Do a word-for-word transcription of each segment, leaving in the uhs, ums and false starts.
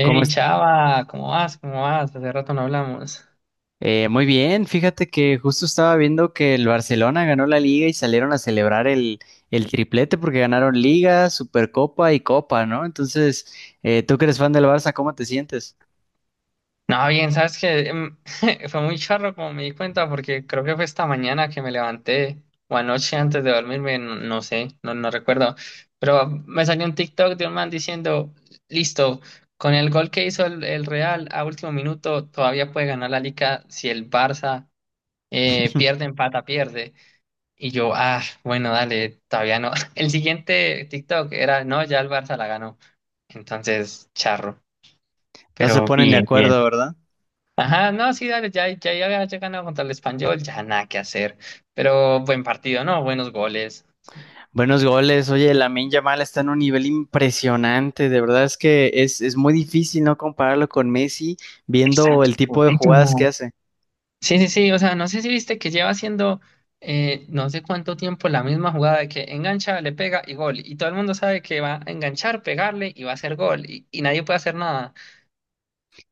¿Cómo es? chava, ¿cómo vas? ¿Cómo vas? Hace rato no hablamos. Eh, muy bien, fíjate que justo estaba viendo que el Barcelona ganó la liga y salieron a celebrar el, el triplete porque ganaron Liga, Supercopa y Copa, ¿no? Entonces, eh, tú que eres fan del Barça, ¿cómo te sientes? No, bien, sabes que fue muy charro como me di cuenta, porque creo que fue esta mañana que me levanté, o anoche antes de dormirme, n- no, sé, no, no recuerdo. Pero me salió un TikTok de un man diciendo: Listo, con el gol que hizo el, el Real a último minuto, todavía puede ganar la Liga si el Barça eh, pierde, empata, pierde. Y yo, ah, bueno, dale, todavía no. El siguiente TikTok era: No, ya el Barça la ganó. Entonces, charro. No se Pero ponen de bien, bien. acuerdo, ¿verdad? Ajá, no, sí, dale, ya, ya, ya, ya ganado contra el Español, ya nada que hacer. Pero buen partido, ¿no? Buenos goles. Buenos goles, oye, Lamine Yamal está en un nivel impresionante, de verdad es que es, es muy difícil no compararlo con Messi viendo Exacto, el tipo de jugadas que perfectísimo. hace. Sí, sí, sí, o sea, no sé si viste que lleva haciendo eh, no sé cuánto tiempo la misma jugada de que engancha, le pega y gol. Y todo el mundo sabe que va a enganchar, pegarle y va a hacer gol. Y, y nadie puede hacer nada.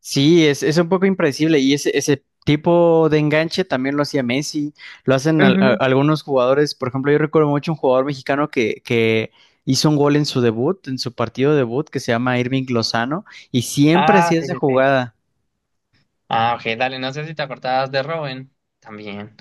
Sí, es, es un poco impredecible y ese, ese tipo de enganche también lo hacía Messi, lo hacen al- a- Ujú. algunos jugadores, por ejemplo, yo recuerdo mucho un jugador mexicano que, que hizo un gol en su debut, en su partido debut, que se llama Irving Lozano, y siempre Ah, hacía sí, esa sí, sí. jugada, Ah, ok, dale, no sé si te acordabas de Robin también.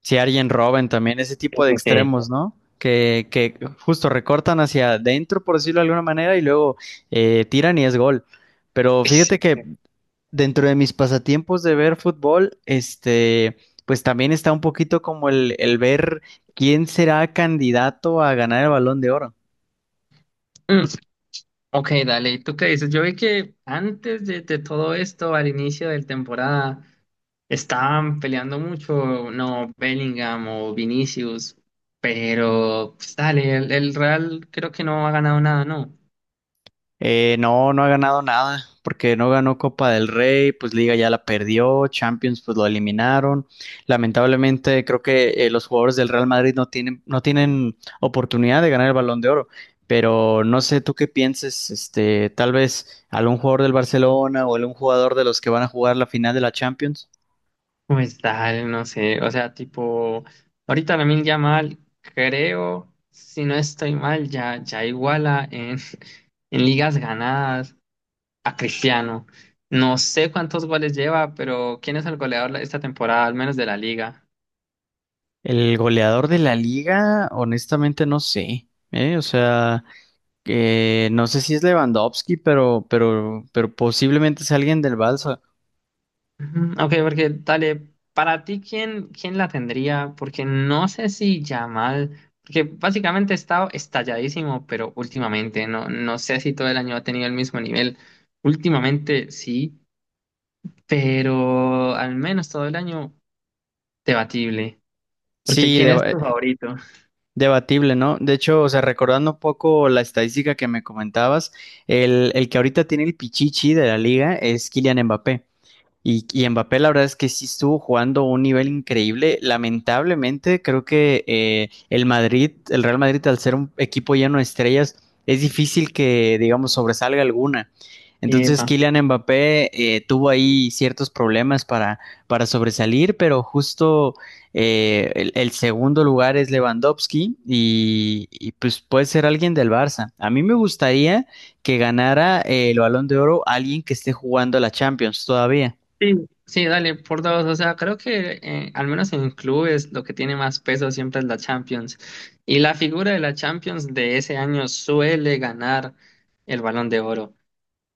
si Arjen Robben también, ese Sí, tipo de sí, sí. extremos, ¿no? Que, que justo recortan hacia adentro, por decirlo de alguna manera, y luego eh, tiran y es gol. Pero Sí, sí, fíjate que sí. dentro de mis pasatiempos de ver fútbol, este, pues también está un poquito como el, el ver quién será candidato a ganar el Balón de Oro. Mm. Ok, dale, ¿y tú qué dices? Yo vi que antes de, de todo esto, al inicio de la temporada, estaban peleando mucho, no, Bellingham o Vinicius, pero pues dale, el, el Real creo que no ha ganado nada, ¿no? Eh, no, no, ha ganado nada, porque no ganó Copa del Rey, pues Liga ya la perdió, Champions pues lo eliminaron. Lamentablemente creo que eh, los jugadores del Real Madrid no tienen, no tienen oportunidad de ganar el Balón de Oro. Pero no sé tú qué pienses, este, tal vez algún jugador del Barcelona o algún jugador de los que van a jugar la final de la Champions. Pues dale, no sé, o sea, tipo, ahorita Lamine Yamal, creo, si no estoy mal, ya, ya iguala en, en ligas ganadas a Cristiano. No sé cuántos goles lleva, pero ¿quién es el goleador esta temporada, al menos de la liga? El goleador de la liga, honestamente no sé, ¿eh? O sea, que no sé si es Lewandowski, pero, pero, pero posiblemente es alguien del Barça. Ujú, ok, porque dale, para ti, ¿quién, quién la tendría? Porque no sé si Yamal, porque básicamente ha estado estalladísimo, pero últimamente, no, no sé si todo el año ha tenido el mismo nivel. Últimamente sí, pero al menos todo el año debatible. Porque Sí, ¿quién es deba- eh, tu favorito? debatible, ¿no? De hecho, o sea, recordando un poco la estadística que me comentabas, el, el que ahorita tiene el pichichi de la liga es Kylian Mbappé. Y, y Mbappé, la verdad es que sí estuvo jugando un nivel increíble. Lamentablemente, creo que eh, el Madrid, el Real Madrid, al ser un equipo lleno de estrellas, es difícil que, digamos, sobresalga alguna. Entonces, Epa. Kylian Mbappé eh, tuvo ahí ciertos problemas para, para sobresalir, pero justo eh, el, el segundo lugar es Lewandowski y, y, pues puede ser alguien del Barça. A mí me gustaría que ganara eh, el Balón de Oro alguien que esté jugando la Champions todavía. Sí, sí, dale, por dos. O sea, creo que eh, al menos en clubes lo que tiene más peso siempre es la Champions. Y la figura de la Champions de ese año suele ganar el Balón de Oro.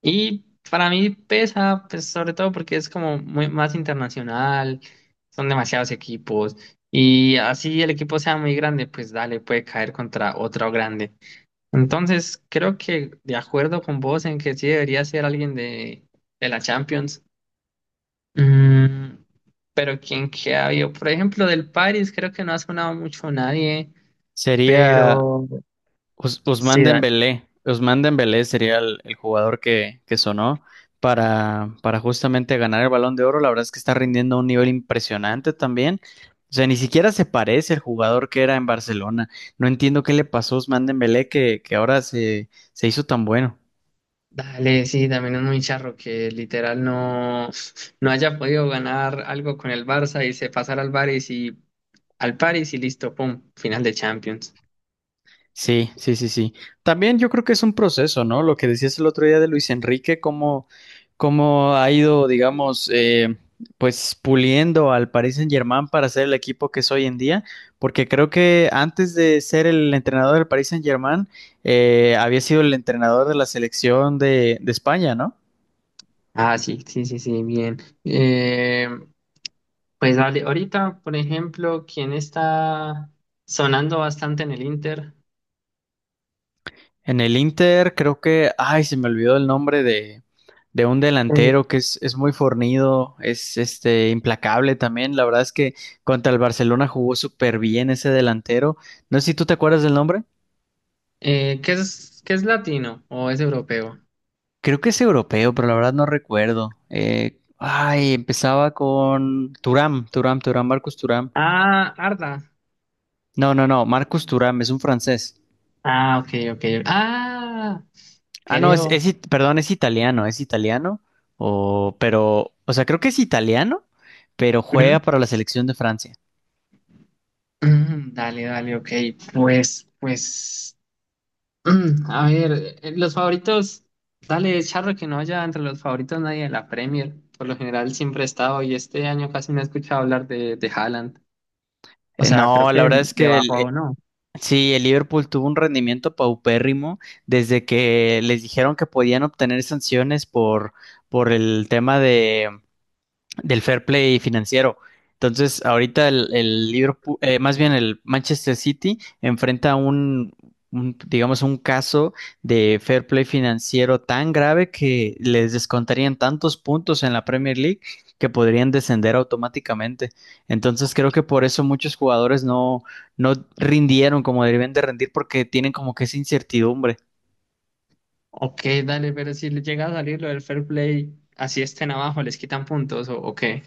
Y para mí pesa, pues sobre todo porque es como muy, más internacional, son demasiados equipos. Y así el equipo sea muy grande, pues dale, puede caer contra otro grande. Entonces, creo que de acuerdo con vos en que sí debería ser alguien de, de la Champions. Mm, pero quien que había, por ejemplo, del Paris, creo que no ha sonado mucho nadie, Sería pero Us- Usman sí, da- Dembélé. Usman Dembélé sería el, el jugador que, que sonó para, para justamente ganar el Balón de Oro. La verdad es que está rindiendo a un nivel impresionante también. O sea, ni siquiera se parece al jugador que era en Barcelona. No entiendo qué le pasó a Usman Dembélé que, que ahora se, se hizo tan bueno. dale, sí, también es muy charro que literal no, no haya podido ganar algo con el Barça y se pasara al Paris y al Paris y listo, pum, final de Champions. Sí, sí, sí, sí. También yo creo que es un proceso, ¿no? Lo que decías el otro día de Luis Enrique, cómo, cómo ha ido, digamos, eh, pues puliendo al Paris Saint-Germain para ser el equipo que es hoy en día, porque creo que antes de ser el entrenador del Paris Saint-Germain, eh, había sido el entrenador de la selección de, de España, ¿no? Ah, sí, sí, sí, sí, bien. Eh, pues dale, ahorita, por ejemplo, ¿quién está sonando bastante en el Inter? En el Inter creo que, ay, se me olvidó el nombre de, de un El- delantero que es, es muy fornido, es este implacable también. La verdad es que contra el Barcelona jugó súper bien ese delantero. No sé si tú te acuerdas del nombre. eh, ¿qué es, qué es latino o es europeo? Creo que es europeo, pero la verdad no recuerdo. Eh, ay, empezaba con Turam, Turam, Turam, Marcus Turam. Ah, Arda. No, no, no, Marcus Turam es un francés. Ah, ok, ok. Ah, Ah, no, es, creo. es it- perdón, es italiano, es italiano, o, pero, o sea, creo que es italiano, pero juega Ujú. para la selección de Francia. Mm, dale, dale, ok. Pues, pues, mm, a ver, eh, los favoritos, dale, charro que no haya entre los favoritos nadie de la Premier. Por lo general siempre he estado y este año casi no he escuchado hablar de, de Haaland. O Eh, sea, creo No, la que verdad es le que el- bajó eh, o no. sí, el Liverpool tuvo un rendimiento paupérrimo desde que les dijeron que podían obtener sanciones por, por el tema del fair play financiero. Entonces, ahorita el, el Liverpool, eh, más bien el Manchester City enfrenta un, un, digamos, un caso de fair play financiero tan grave que les descontarían tantos puntos en la Premier League que podrían descender automáticamente. Entonces, creo que por eso muchos jugadores no, no rindieron como debían de rendir porque tienen como que esa incertidumbre. Ok, dale, pero si le llega a salir lo del fair play, así estén abajo, les quitan puntos o, o qué.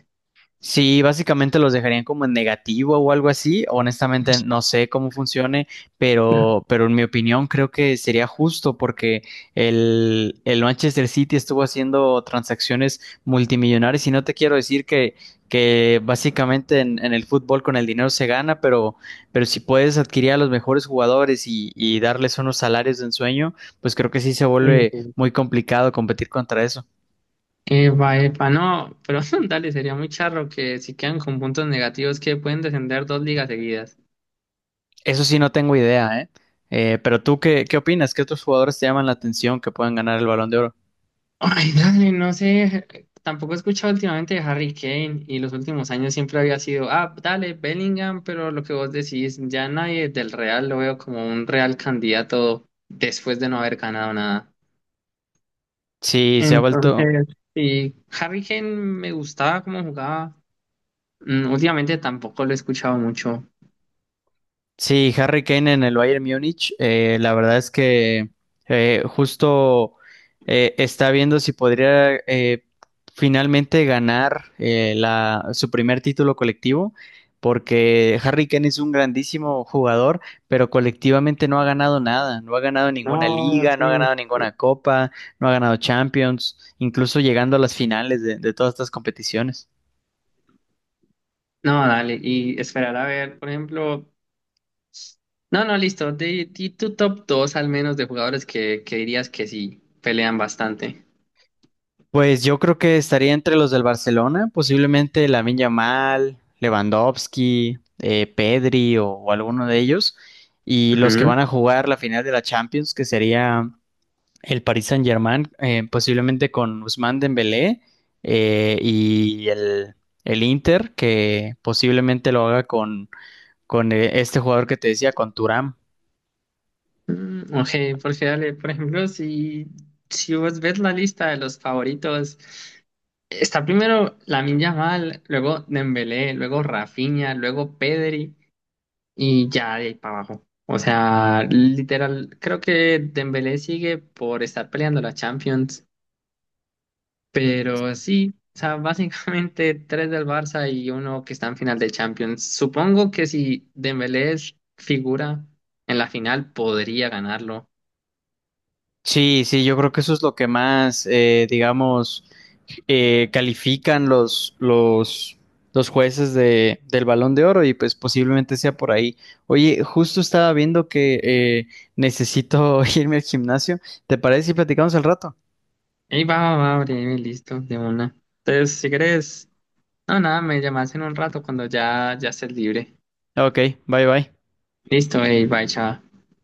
Sí, básicamente los dejarían como en negativo o algo así. Honestamente, no sé cómo funcione, pero, pero en mi opinión creo que sería justo porque el, el Manchester City estuvo haciendo transacciones multimillonarias y no te quiero decir que, que básicamente en, en el fútbol con el dinero se gana, pero, pero si puedes adquirir a los mejores jugadores y, y darles unos salarios de ensueño, pues creo que sí se Sí, vuelve sí. muy complicado competir contra eso. Epa, epa, no, pero dale, sería muy charro que si quedan con puntos negativos que pueden descender dos ligas seguidas. Eso sí, no tengo idea, ¿eh? Eh, pero tú, ¿qué, ¿qué opinas? ¿Qué otros jugadores te llaman la atención que puedan ganar el Balón de Oro? Ay, dale, no sé, tampoco he escuchado últimamente de Harry Kane y los últimos años siempre había sido, ah, dale, Bellingham, pero lo que vos decís, ya nadie del Real lo veo como un real candidato después de no haber ganado nada. Sí, se ha vuelto, Entonces, sí, Harry Kane me gustaba cómo jugaba. Mm, últimamente tampoco lo he escuchado mucho. sí, Harry Kane en el Bayern Múnich, eh, la verdad es que eh, justo eh, está viendo si podría eh, finalmente ganar eh, la- su primer título colectivo, porque Harry Kane es un grandísimo jugador, pero colectivamente no ha ganado nada, no ha ganado ninguna No, liga, no ha sí. ganado ninguna copa, no ha ganado Champions, incluso llegando a las finales de de todas estas competiciones. No, dale, y esperar a ver, por ejemplo, no, no, listo, di, di tu top dos al menos de jugadores que, que dirías que sí pelean bastante. Pues yo creo que estaría entre los del Barcelona, posiblemente Lamine Yamal, Lewandowski, eh, Pedri o, o alguno de ellos, y los que Ujú. van a jugar la final de la Champions, que sería el Paris Saint-Germain, eh, posiblemente con Ousmane Dembélé eh, y el, el Inter, que posiblemente lo haga con, con eh, este jugador que te decía, con Thuram. Mm, ok, porque dale, por ejemplo, si, si vos ves la lista de los favoritos, está primero Lamine Yamal, luego Dembélé, luego Rafinha, luego Pedri y ya de ahí para abajo. O sea, literal, creo que Dembélé sigue por estar peleando la Champions. Pero sí, o sea, básicamente tres del Barça y uno que está en final de Champions. Supongo que si Dembélé es figura en la final, podría ganarlo. Sí, sí, yo creo que eso es lo que más, eh, digamos eh, califican los, los, los jueces de, del Balón de Oro y pues posiblemente sea por ahí. Oye, justo estaba viendo que eh, necesito irme al gimnasio. ¿Te parece si platicamos al rato? Y va, va, va, breve, listo, de una. Entonces, si crees, no, nada, me llamas en un rato cuando ya, ya estés libre. Ok, bye bye. Listo, ey, bye, chao.